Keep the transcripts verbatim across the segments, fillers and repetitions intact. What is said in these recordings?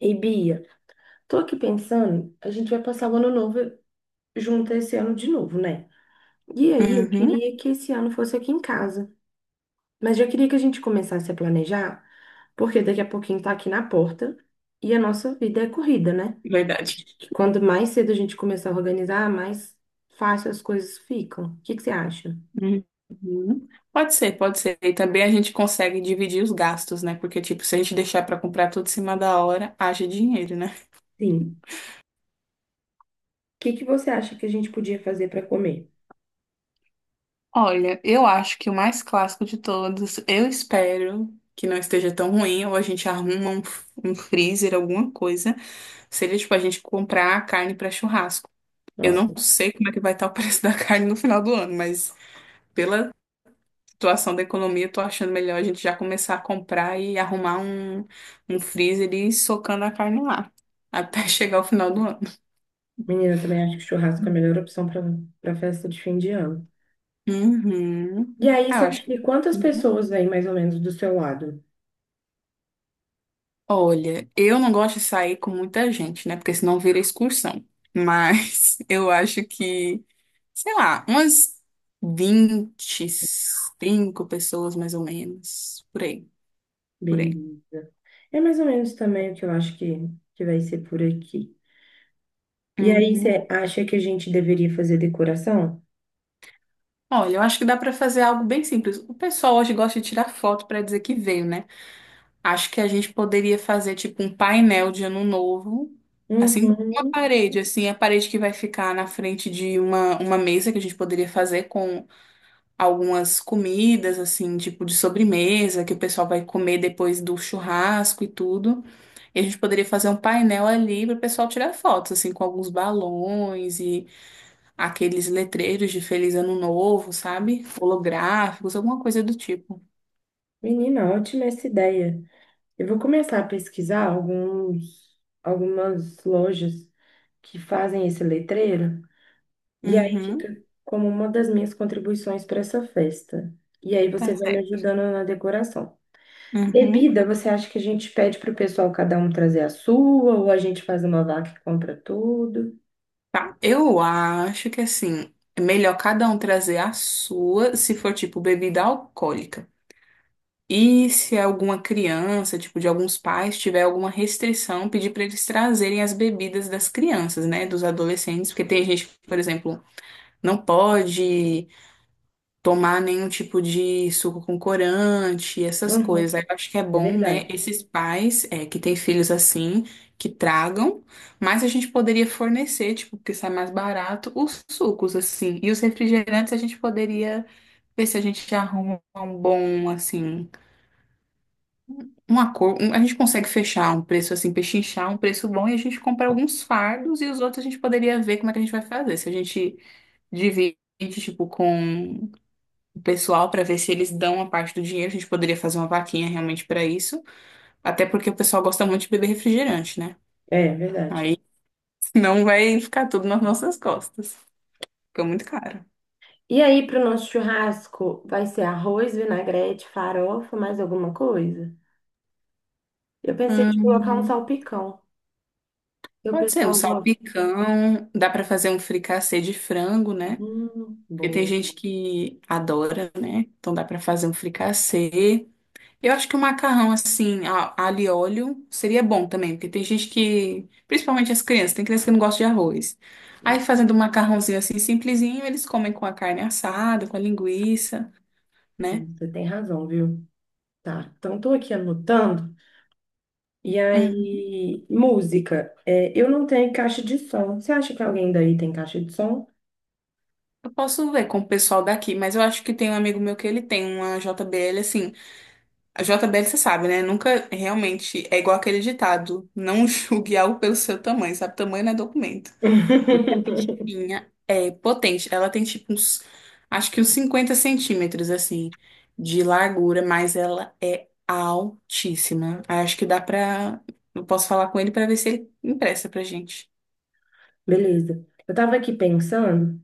E Bia, tô aqui pensando, a gente vai passar o ano novo junto esse ano de novo, né? E aí eu Uhum, queria que esse ano fosse aqui em casa, mas já queria que a gente começasse a planejar, porque daqui a pouquinho tá aqui na porta e a nossa vida é corrida, né? verdade. Acho Que Quando mais cedo a gente começar a organizar, mais fácil as coisas ficam. O que que você acha? Uhum. Pode ser, pode ser. E também a gente consegue dividir os gastos, né? Porque, tipo, se a gente deixar pra comprar tudo em cima da hora, haja dinheiro, né? Sim. O que que você acha que a gente podia fazer para comer? Olha, eu acho que o mais clássico de todos, eu espero que não esteja tão ruim, ou a gente arruma um, f- um freezer, alguma coisa, seria, tipo, a gente comprar a carne para churrasco. Eu Nossa, não sei como é que vai estar o preço da carne no final do ano, mas pela situação da economia, eu tô achando melhor a gente já começar a comprar e arrumar um, um freezer e ir socando a carne lá, até chegar ao final do ano. menina, eu também acho que churrasco é a melhor opção para para festa de fim de ano. Uhum. E aí, Ah, você eu acho acha que. que quantas Uhum. pessoas vêm mais ou menos do seu lado? Olha, eu não gosto de sair com muita gente, né? Porque senão vira excursão. Mas eu acho que, sei lá, umas vinte, e cinco pessoas mais ou menos. Por aí, por aí. Beleza. É mais ou menos também o que eu acho que, que vai ser por aqui. E aí, Uhum. você acha que a gente deveria fazer decoração? Olha, eu acho que dá para fazer algo bem simples. O pessoal hoje gosta de tirar foto para dizer que veio, né? Acho que a gente poderia fazer tipo um painel de ano novo, assim, uma Uhum. parede, assim, a parede que vai ficar na frente de uma, uma mesa que a gente poderia fazer com algumas comidas, assim, tipo de sobremesa, que o pessoal vai comer depois do churrasco e tudo. E a gente poderia fazer um painel ali para o pessoal tirar fotos, assim, com alguns balões aqueles letreiros de Feliz Ano Novo, sabe? Holográficos, alguma coisa do tipo. Menina, ótima essa ideia. Eu vou começar a pesquisar alguns, algumas lojas que fazem esse letreiro. E aí Uhum, fica como uma das minhas contribuições para essa festa. E aí tá você vai me certo. ajudando na decoração. Uhum. Bebida, você acha que a gente pede para o pessoal cada um trazer a sua, ou a gente faz uma vaca e compra tudo? Tá. Eu acho que, assim, é melhor cada um trazer a sua, se for tipo bebida alcoólica. E se é alguma criança, tipo de alguns pais, tiver alguma restrição, pedir para eles trazerem as bebidas das crianças, né, dos adolescentes, porque tem gente que, por exemplo, não pode tomar nenhum tipo de suco com corante, essas Uhum. coisas. Aí eu acho que é É bom, verdade. né, esses pais é, que têm filhos assim, que tragam, mas a gente poderia fornecer, tipo, porque sai mais barato, os sucos, assim. E os refrigerantes a gente poderia ver se a gente arruma um bom, assim, um acordo. um- A gente consegue fechar um preço, assim, pechinchar um preço bom e a gente compra alguns fardos e os outros a gente poderia ver como é que a gente vai fazer. Se a gente divide, tipo, com o pessoal para ver se eles dão uma parte do dinheiro. A gente poderia fazer uma vaquinha realmente para isso, até porque o pessoal gosta muito de beber refrigerante, né? É, é verdade. Aí não vai ficar tudo nas nossas costas. Fica muito caro. E aí, para o nosso churrasco, vai ser arroz, vinagrete, farofa, mais alguma coisa? Eu pensei de colocar um Hum, salpicão, que o pode ser um pessoal gosta. salpicão, dá para fazer um fricassê de frango, né? Hum, Porque tem boa. gente que adora, né? Então dá para fazer um fricassê. Eu acho que o macarrão, assim, a- alho e óleo, seria bom também, porque tem gente que, principalmente as crianças, tem criança que não gosta de arroz. Aí fazendo um macarrãozinho assim, simplesinho, eles comem com a carne assada, com a linguiça, né? Você tem razão, viu? Tá. Então, tô aqui anotando. E Hum. aí, música. É, eu não tenho caixa de som. Você acha que alguém daí tem caixa de som? Eu posso ver com o pessoal daqui, mas eu acho que tem um amigo meu que ele tem uma J B L, assim. A J B L, você sabe, né? Nunca realmente é igual aquele ditado, não julgue algo pelo seu tamanho, sabe? Tamanho não é documento. Porque a bichinha é potente. Ela tem tipo uns, acho que uns cinquenta centímetros, assim, de largura, mas ela é altíssima. Aí acho que dá pra. Eu posso falar com ele pra ver se ele empresta pra gente. Beleza. Eu tava aqui pensando,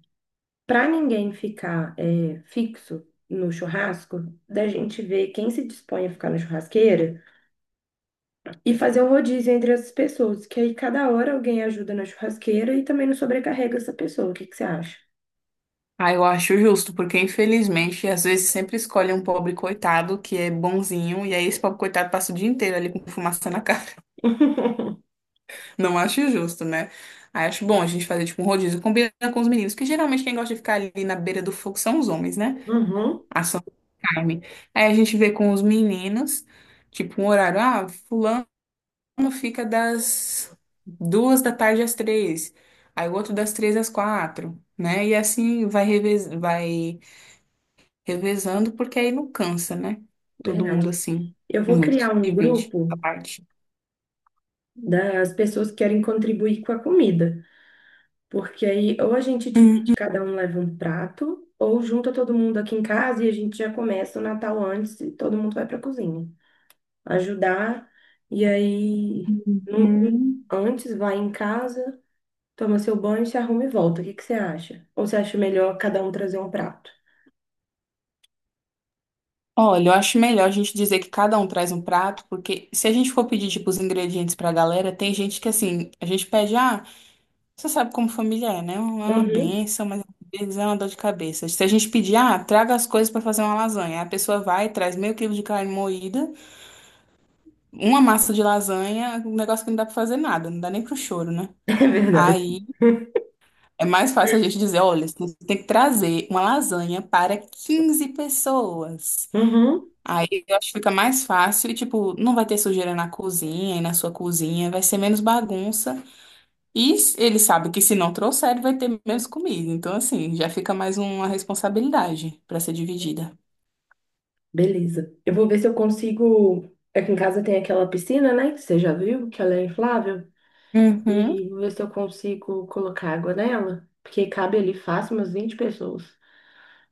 para ninguém ficar é, fixo no churrasco, da gente ver quem se dispõe a ficar na churrasqueira e fazer um rodízio entre as pessoas, que aí cada hora alguém ajuda na churrasqueira e também não sobrecarrega essa pessoa. O que que você acha? Ah, eu acho justo, porque infelizmente às vezes sempre escolhe um pobre coitado que é bonzinho, e aí esse pobre coitado passa o dia inteiro ali com fumaça na cara. Não acho justo, né? Aí acho bom a gente fazer tipo um rodízio, combina com os meninos, que geralmente quem gosta de ficar ali na beira do fogo são os homens, né? Uhum. Ação do Carmen. Aí a gente vê com os meninos, tipo, um horário, ah, fulano fica das duas da tarde às três, aí o outro das três às quatro, né? E assim vai, revez vai revezando, porque aí não cansa, né? Todo Verdade. mundo assim, Eu vou muito. criar um Divide a grupo parte. das pessoas que querem contribuir com a comida, porque aí ou a gente divide, cada um leva um prato, ou junta todo mundo aqui em casa e a gente já começa o Natal antes e todo mundo vai para a cozinha ajudar. E aí, não- não- Uhum. antes vai em casa, toma seu banho, se arruma e volta. O que que você acha? Ou você acha melhor cada um trazer um prato? Olha, eu acho melhor a gente dizer que cada um traz um prato, porque se a gente for pedir, tipo, os ingredientes pra galera, tem gente que, assim, a gente pede, ah, você sabe como família é, né? É uma Uhum. bênção, mas às vezes é uma dor de cabeça. Se a gente pedir, ah, traga as coisas para fazer uma lasanha, a pessoa vai, traz meio quilo de carne moída, uma massa de lasanha, um negócio que não dá para fazer nada, não dá nem pro choro, né? É verdade. Aí é mais fácil a gente dizer, olha, você tem que trazer uma lasanha para quinze pessoas. Uhum. Aí eu acho que fica mais fácil e, tipo, não vai ter sujeira na cozinha e na sua cozinha, vai ser menos bagunça. E s- ele sabe que se não trouxer, ele vai ter menos comida. Então, assim, já fica mais uma responsabilidade para ser dividida. Beleza. Eu vou ver se eu consigo. Aqui em casa tem aquela piscina, né? Que você já viu, que ela é inflável. Uhum. E vou ver se eu consigo colocar água nela. Porque cabe ali fácil umas vinte pessoas.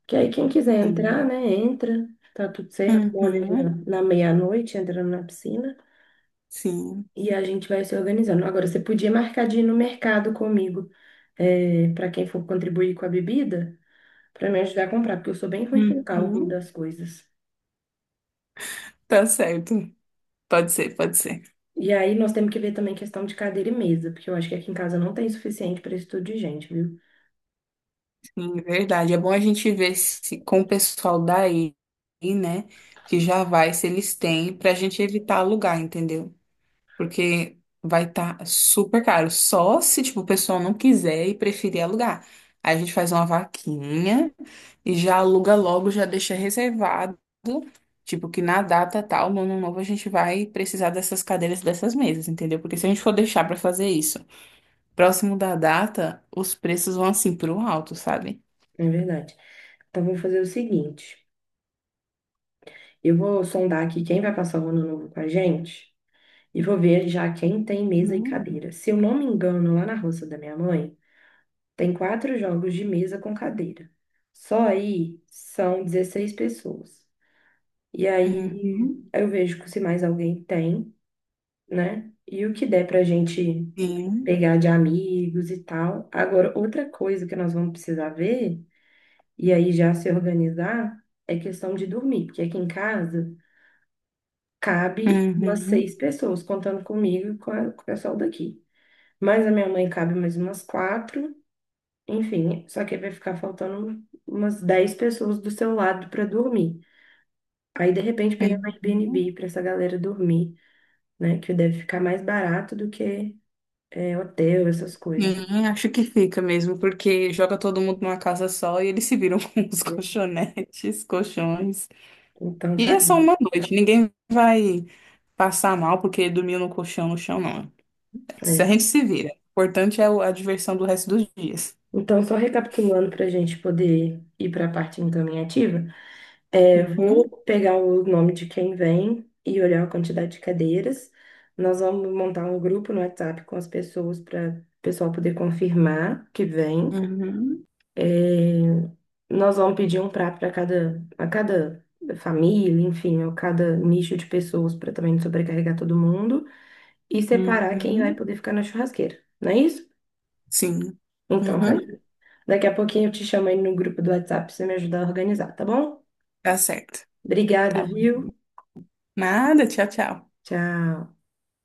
Que aí quem quiser entrar, Sim. né? Entra. Tá tudo certo. Bora ali na, Uhum. na meia-noite, entrando na piscina. Sim. E a gente vai se organizando. Agora, você podia marcar de ir no mercado comigo, para quem for contribuir com a bebida, para me ajudar a comprar, porque eu sou bem ruim com o cálculo Uhum. das coisas. Tá certo. Pode ser, pode ser. E aí nós temos que ver também questão de cadeira e mesa, porque eu acho que aqui em casa não tem suficiente para esse tudo de gente, viu? Sim, verdade. É bom a gente ver se com o pessoal daí, né, que já vai, se eles têm, pra gente evitar alugar, entendeu? Porque vai estar super caro. Só se, tipo, o pessoal não quiser e preferir alugar. Aí a gente faz uma vaquinha e já aluga logo, já deixa reservado. Tipo, que na data tal, no ano novo, a gente vai precisar dessas cadeiras, dessas mesas, entendeu? Porque se a gente for deixar pra fazer isso próximo da data, os preços vão assim pro alto, sabe? É verdade. Então, vou fazer o seguinte: eu vou sondar aqui quem vai passar o ano novo com a gente e vou ver já quem tem mesa e Uhum. cadeira. Se eu não me engano, lá na roça da minha mãe tem quatro jogos de mesa com cadeira. Só aí são dezesseis pessoas. E Uhum. aí Uhum. eu vejo se mais alguém tem, né? E o que der pra gente Sim. pegar de amigos e tal. Agora, outra coisa que nós vamos precisar ver, e aí já se organizar, é questão de dormir, porque aqui em casa cabe umas seis pessoas, contando comigo e com a- com o pessoal daqui. Mas a minha mãe cabe mais umas quatro. Enfim, só que aí vai ficar faltando umas dez pessoas do seu lado para dormir. Aí, de repente, pegar um Uhum. Airbnb para essa galera dormir, né? Que deve ficar mais barato do que é, hotel, essas coisas. Sim, acho que fica mesmo, porque joga todo mundo numa casa só e eles se viram com os Né? colchonetes, colchões. Então, E tá é só ali. uma noite, ninguém vai passar mal porque dormiu no colchão, no chão, não. Se a É. gente se vira. O importante é o- a diversão do resto dos dias. Então, só recapitulando para a gente poder ir para a parte encaminhativa, é, Uhum, vou pegar o nome de quem vem e olhar a quantidade de cadeiras. Nós vamos montar um grupo no WhatsApp com as pessoas para o pessoal poder confirmar que vem. uhum, É, nós vamos pedir um prato para cada, a cada família, enfim, ou cada nicho de pessoas, para também não sobrecarregar todo mundo, e separar quem vai uhum. poder ficar na churrasqueira, não é isso? Sim. Então, tá. Uhum, Daqui a pouquinho eu te chamo aí no grupo do WhatsApp para você me ajudar a organizar, tá bom? tá certo. Obrigada, Tá bom. viu? Nada, tchau, tchau. Tchau.